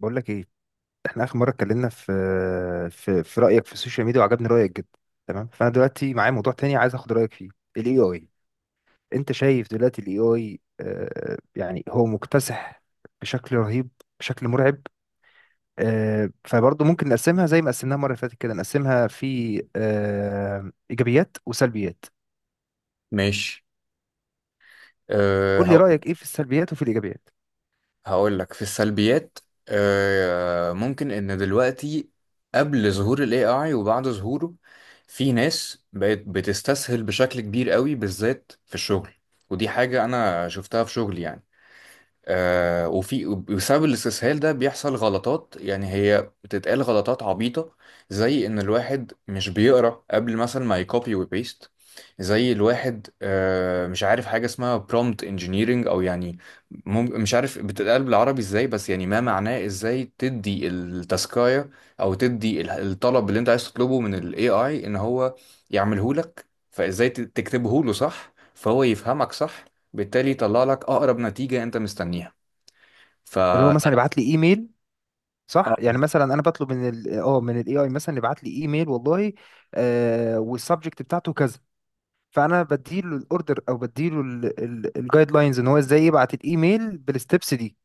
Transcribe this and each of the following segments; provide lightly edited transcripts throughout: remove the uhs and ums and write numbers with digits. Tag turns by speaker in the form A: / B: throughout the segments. A: بقول لك ايه. احنا اخر مره اتكلمنا في رايك في السوشيال ميديا، وعجبني رايك جدا. تمام، فانا دلوقتي معايا موضوع تاني عايز اخد رايك فيه: الاي اي. انت شايف دلوقتي الاي اي، يعني هو مكتسح بشكل رهيب، بشكل مرعب. فبرضه ممكن نقسمها زي ما قسمناها المره اللي فاتت كده، نقسمها في ايجابيات وسلبيات.
B: ماشي. أه
A: قول لي
B: هقو-
A: رايك ايه في السلبيات وفي الايجابيات.
B: هقول لك في السلبيات. ممكن ان دلوقتي، قبل ظهور الاي اي وبعد ظهوره، في ناس بقت بتستسهل بشكل كبير قوي بالذات في الشغل. ودي حاجة انا شفتها في شغلي، يعني. وفي بسبب الاستسهال ده بيحصل غلطات، يعني هي بتتقال غلطات عبيطة، زي إن الواحد مش بيقرأ قبل مثلا ما يكوبي وبيست، زي الواحد، مش عارف حاجة اسمها prompt engineering، أو يعني مش عارف بتتقال بالعربي إزاي، بس يعني ما معناه إزاي تدي التاسكاية أو تدي الطلب اللي أنت عايز تطلبه من ال AI إن هو يعمله لك. فإزاي تكتبه له صح فهو يفهمك صح، بالتالي يطلع لك اقرب نتيجه انت مستنيها. ف
A: اللي هو مثلا ابعت لي ايميل، صح؟ يعني مثلا انا بطلب من ال اه من الاي اي مثلا يبعت لي ايميل، والله والسبجكت بتاعته كذا. فانا بديله الاوردر، او بديله الجايد لاينز ان هو ازاي يبعت الايميل بالستبس دي.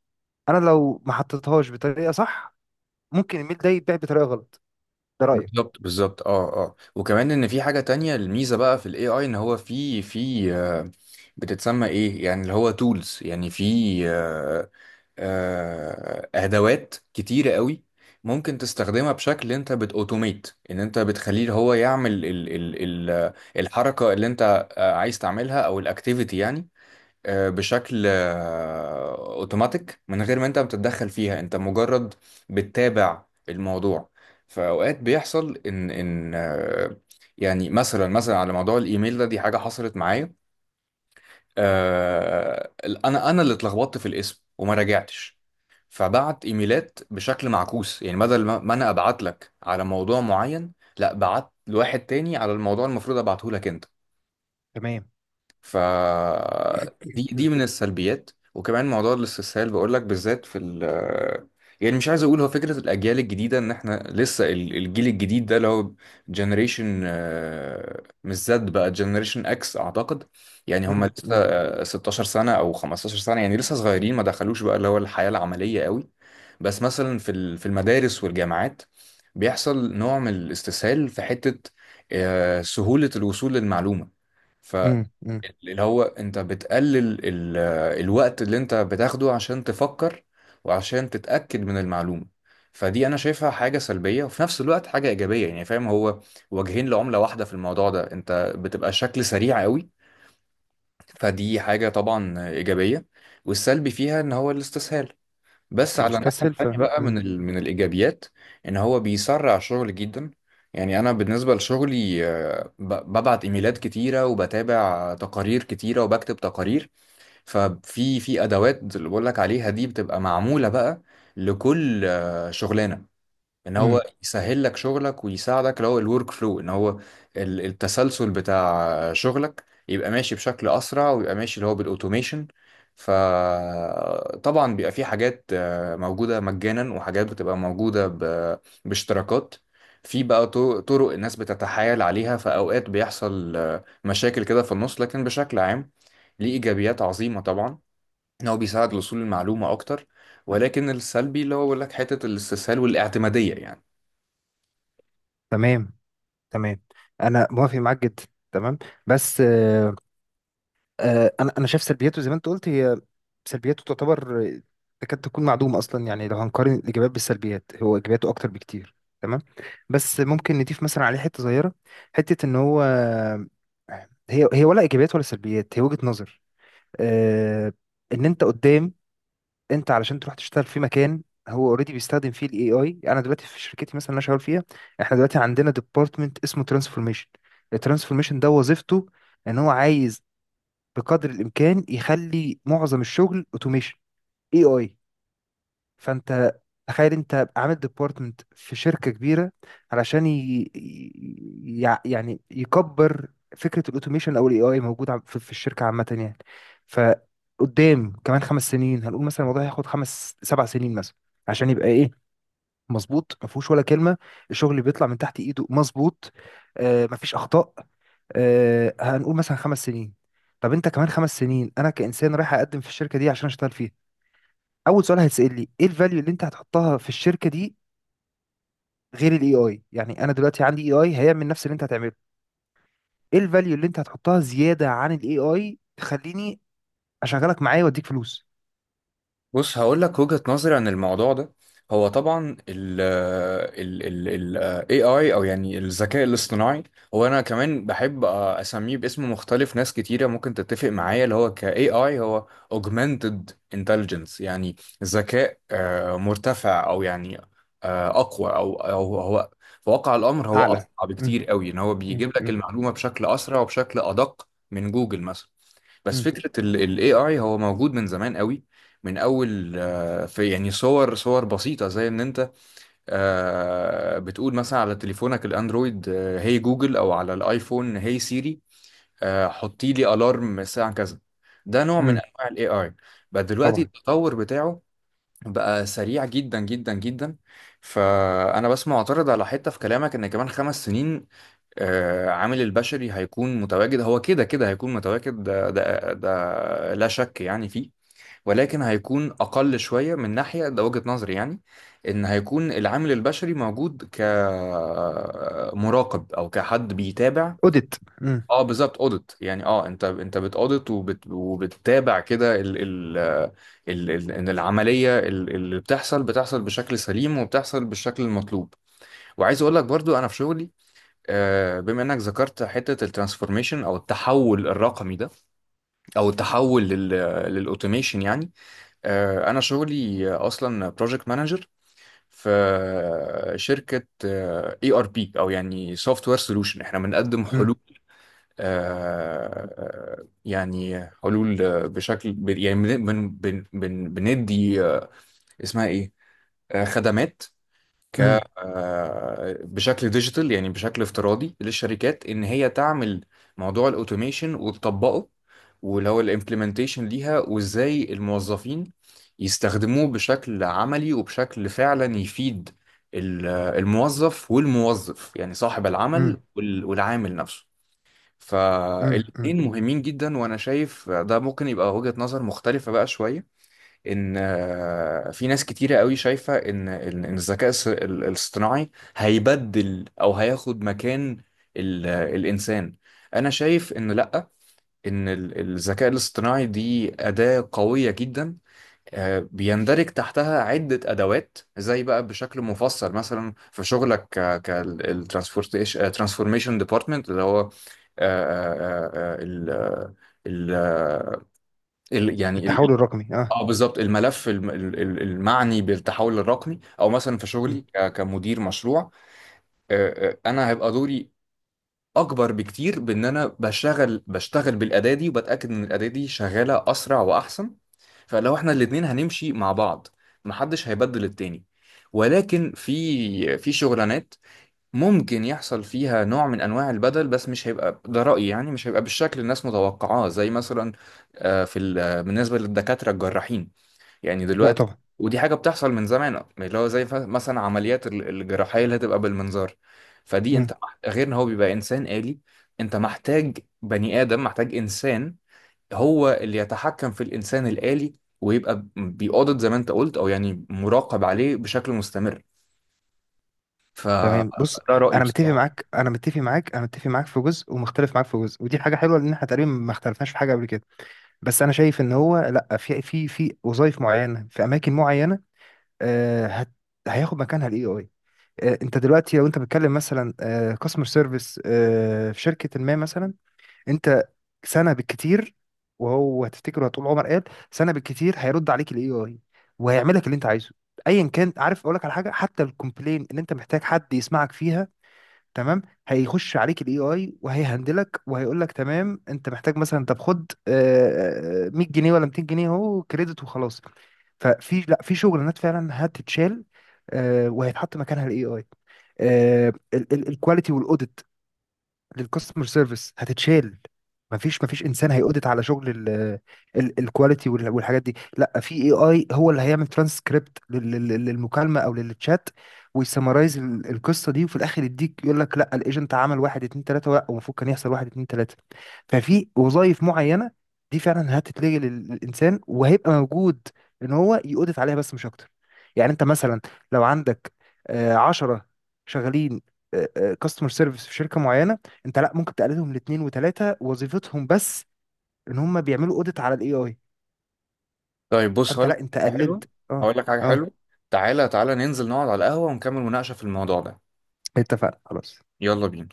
A: انا لو ما حطيتهاش بطريقه صح، ممكن الايميل ده يتباع بطريقه غلط. ده رايك.
B: بالظبط بالظبط، اه اه، وكمان ان في حاجه تانية، الميزه بقى في الاي اي ان هو في بتتسمى ايه، يعني اللي هو تولز، يعني في آه، ادوات كتيره قوي ممكن تستخدمها، بشكل انت بتاوتوميت، ان انت بتخليه هو يعمل ال الحركه اللي انت عايز تعملها، او الاكتيفيتي، يعني بشكل اوتوماتيك، من غير ما انت بتتدخل فيها، انت مجرد بتتابع الموضوع. فاوقات بيحصل ان يعني مثلا على موضوع الايميل ده، دي حاجه حصلت معايا. آه، انا اللي اتلخبطت في الاسم وما راجعتش، فبعت ايميلات بشكل معكوس، يعني بدل ما انا ابعت لك على موضوع معين، لا، بعت لواحد تاني على الموضوع المفروض ابعته لك انت.
A: تمام.
B: ف دي
A: مم.
B: دي من السلبيات، وكمان موضوع الاستسهال بقول لك، بالذات في ال، يعني مش عايز اقول، هو فكره الاجيال الجديده، ان احنا لسه الجيل الجديد ده اللي هو جنريشن، مش زد بقى، جنريشن اكس اعتقد، يعني هم لسه
A: مم.
B: 16 سنه او 15 سنه، يعني لسه صغيرين، ما دخلوش بقى اللي هو الحياه العمليه قوي. بس مثلا في في المدارس والجامعات، بيحصل نوع من الاستسهال في حته، سهوله الوصول للمعلومه،
A: مم. مم.
B: اللي هو انت بتقلل الوقت اللي انت بتاخده عشان تفكر وعشان تتأكد من المعلومة. فدي انا شايفها حاجة سلبية، وفي نفس الوقت حاجة ايجابية، يعني فاهم، هو وجهين لعملة واحدة في الموضوع ده. انت بتبقى شكل سريع قوي، فدي حاجة طبعا ايجابية، والسلبي فيها ان هو الاستسهال.
A: بس
B: بس على الناحية
A: مستسهل ف
B: التانية بقى،
A: مم.
B: من الإيجابيات، إن هو بيسرع شغل جدا. يعني أنا بالنسبة لشغلي، ببعت إيميلات كتيرة، وبتابع تقارير كتيرة، وبكتب تقارير. ففي في أدوات اللي بقول لك عليها دي بتبقى معمولة بقى لكل شغلانة، ان
A: مم.
B: هو يسهل لك شغلك ويساعدك، اللي هو الورك فلو، ان هو التسلسل بتاع شغلك يبقى ماشي بشكل اسرع، ويبقى ماشي اللي هو بالاوتوميشن. فطبعا بيبقى في حاجات موجودة مجانا، وحاجات بتبقى موجودة باشتراكات. في بقى طرق الناس بتتحايل عليها، فأوقات بيحصل مشاكل كده في النص، لكن بشكل عام ليه إيجابيات عظيمة طبعا، إن هو بيساعد لوصول المعلومة أكتر. ولكن السلبي اللي هو بيقول لك حتة الاستسهال والاعتمادية، يعني.
A: تمام، تمام، انا موافق معاك جدا. تمام، بس انا شايف سلبياته زي ما انت قلت. هي سلبياته تعتبر تكاد تكون معدومه اصلا. يعني لو هنقارن الايجابيات بالسلبيات، هو ايجابياته اكتر بكتير. تمام، بس ممكن نضيف مثلا عليه حته صغيره، حته ان هو هي ولا ايجابيات ولا سلبيات، هي وجهه نظر. آه، ان انت قدام، انت علشان تروح تشتغل في مكان هو اوريدي بيستخدم فيه الاي اي. انا دلوقتي في شركتي مثلا اللي انا شغال فيها، احنا دلوقتي عندنا ديبارتمنت اسمه ترانسفورميشن. الترانسفورميشن ده وظيفته ان هو عايز بقدر الامكان يخلي معظم الشغل اوتوميشن، اي اي. فانت تخيل انت عامل ديبارتمنت في شركه كبيره علشان يعني يكبر. فكره الاوتوميشن او الاي اي موجود في الشركه عامه يعني. فقدام كمان 5 سنين، هنقول مثلا الموضوع هياخد خمس سبع سنين مثلا عشان يبقى ايه؟ مظبوط، ما فيهوش ولا كلمه، الشغل اللي بيطلع من تحت ايده مظبوط، آه ما فيش اخطاء. هنقول مثلا 5 سنين. طب انت كمان 5 سنين، انا كانسان رايح اقدم في الشركه دي عشان اشتغل فيها. اول سؤال هيتسال لي: ايه الفاليو اللي انت هتحطها في الشركه دي غير الاي اي؟ يعني انا دلوقتي عندي اي اي هيعمل نفس اللي انت هتعمله. ايه الفاليو اللي انت هتحطها زياده عن الاي اي تخليني اشغلك معايا واديك فلوس؟
B: بص هقول لك وجهة نظري عن الموضوع ده. هو طبعا ال ال ال AI، او يعني الذكاء الاصطناعي، هو انا كمان بحب اسميه باسم مختلف، ناس كتيرة ممكن تتفق معايا، اللي هو ك AI، هو augmented intelligence، يعني ذكاء مرتفع، او يعني اقوى، او هو في واقع الامر هو
A: اعلى.
B: اسرع
A: مم،
B: بكتير قوي، ان هو
A: مم،
B: بيجيب لك
A: مم،
B: المعلومة بشكل اسرع وبشكل ادق من جوجل مثلا. بس
A: مم،
B: فكرة ال AI هو موجود من زمان قوي، من اول في يعني صور بسيطه، زي ان انت بتقول مثلا على تليفونك الاندرويد هي جوجل، او على الايفون هي سيري، حطي لي الارم الساعه كذا. ده نوع من
A: مم.
B: انواع الاي اي. بقى دلوقتي
A: طبعا.
B: التطور بتاعه بقى سريع جدا جدا جدا. فانا بس معترض على حته في كلامك، ان كمان 5 سنين، عامل البشري هيكون متواجد، هو كده كده هيكون متواجد، ده لا شك يعني فيه. ولكن هيكون أقل شوية من ناحية ده، وجهة نظري يعني، إن هيكون العامل البشري موجود كمراقب، أو كحد بيتابع.
A: اوديت. مم،
B: اه بالظبط، اوديت، يعني اه، انت بتاوديت، وبتتابع كده ال ان العمليه اللي بتحصل بتحصل بشكل سليم، وبتحصل بالشكل المطلوب. وعايز اقول لك برضو انا في شغلي، بما انك ذكرت حته الترانسفورميشن، او التحول الرقمي ده، او التحول للاوتوميشن يعني. أنا شغلي أصلا بروجكت مانجر في شركة اي ار بي، أو يعني سوفت وير سولوشن. احنا بنقدم حلول،
A: مم،
B: آه، يعني حلول بشكل يعني بندي اسمها ايه، خدمات، ك
A: مم،
B: بشكل ديجيتال، يعني بشكل افتراضي للشركات ان هي تعمل موضوع الاوتوميشن وتطبقه، واللي هو الامبلمنتيشن ليها، وازاي الموظفين يستخدموه بشكل عملي وبشكل فعلا يفيد الموظف، والموظف يعني صاحب العمل،
A: مم،
B: والعامل نفسه.
A: مم، مم.
B: فالاتنين مهمين جدا، وانا شايف ده ممكن يبقى وجهة نظر مختلفة بقى شوية. ان في ناس كتيرة قوي شايفة ان إن الذكاء الاصطناعي هيبدل او هياخد مكان الانسان. انا شايف ان لا، ان الذكاء الاصطناعي دي أداة قوية جدا، بيندرج تحتها عدة أدوات، زي بقى بشكل مفصل مثلا في شغلك، كالترانسفورميشن ديبارتمنت اللي هو آه، آه، آه، ال ال ال- يعني ال-
A: التحول الرقمي، اه.
B: اه بالظبط، الملف المعني بالتحول الرقمي، او مثلا في
A: مم.
B: شغلي كمدير مشروع. انا هيبقى دوري اكبر بكتير، بان انا بشتغل بالاداه دي، وبتاكد ان الاداه دي شغاله اسرع واحسن. فلو احنا الاتنين هنمشي مع بعض، محدش هيبدل التاني. ولكن في شغلانات ممكن يحصل فيها نوع من انواع البدل، بس مش هيبقى ده رايي، يعني مش هيبقى بالشكل الناس متوقعاه، زي مثلا آه، في ال- آه، بالنسبه للدكاتره الجراحين، يعني
A: لا
B: دلوقتي،
A: طبعا.
B: ودي حاجة بتحصل من زمان، اللي هو زي مثلا عمليات الجراحية اللي هتبقى بالمنظار. فدي انت غير ان هو بيبقى انسان آلي، انت محتاج بني آدم، محتاج انسان هو اللي يتحكم في الانسان الآلي، ويبقى بيقاضد زي ما انت قلت، او يعني مراقب عليه بشكل مستمر. فده
A: تمام، بص.
B: رأيي
A: انا متفق
B: بصراحة.
A: معاك، انا متفق معاك، انا متفق معاك في جزء، ومختلف معاك في جزء. ودي حاجه حلوه لان احنا تقريبا ما اختلفناش في حاجه قبل كده. بس انا شايف ان هو لا، في في وظائف معينه في اماكن معينه، آه هياخد مكانها الاي اي. آه، انت دلوقتي لو انت بتتكلم مثلا كاستمر سيرفيس، آه customer service، في شركه ما مثلا، انت سنه بالكتير، وهو هتفتكر طول عمر قال سنه بالكتير هيرد عليك الاي اي وهيعمل لك اللي انت عايزه، ايا كان. عارف اقول لك على حاجه؟ حتى الكومبلين اللي انت محتاج حد يسمعك فيها، تمام؟ هيخش عليك الاي اي وهيهندلك وهيقول لك تمام، انت محتاج مثلا، طب خد 100 جنيه ولا 200 جنيه اهو كريدت وخلاص. ففي، لا، في شغلانات فعلا هتتشال، وهيتحط مكانها الاي اي. الكواليتي والاوديت للكاستمر سيرفيس هتتشال. مفيش انسان هيقودت على شغل الكواليتي والحاجات دي، لا، في اي اي هو اللي هيعمل ترانسكريبت للمكالمه او للتشات ويسمرايز القصه دي، وفي الاخر يديك، يقول لك: لا الايجنت عمل واحد اتنين تلاته، لا المفروض كان يحصل واحد اتنين تلاته. ففي وظائف معينه دي فعلا هتتلغي للانسان، وهيبقى موجود ان هو يقودت عليها بس مش اكتر. يعني انت مثلا لو عندك 10 شغالين كاستمر سيرفيس في شركه معينه، انت لا، ممكن تقللهم لاتنين وتلاته، وظيفتهم بس ان هم بيعملوا اوديت على الاي اي.
B: طيب بص،
A: فانت
B: هقول لك
A: لا، انت
B: حاجة حلوة،
A: قللت.
B: هقول
A: اه،
B: لك حاجة
A: اه،
B: حلوة. تعالى تعالى ننزل نقعد على القهوة ونكمل مناقشة في الموضوع ده.
A: اتفقنا خلاص.
B: يلا بينا.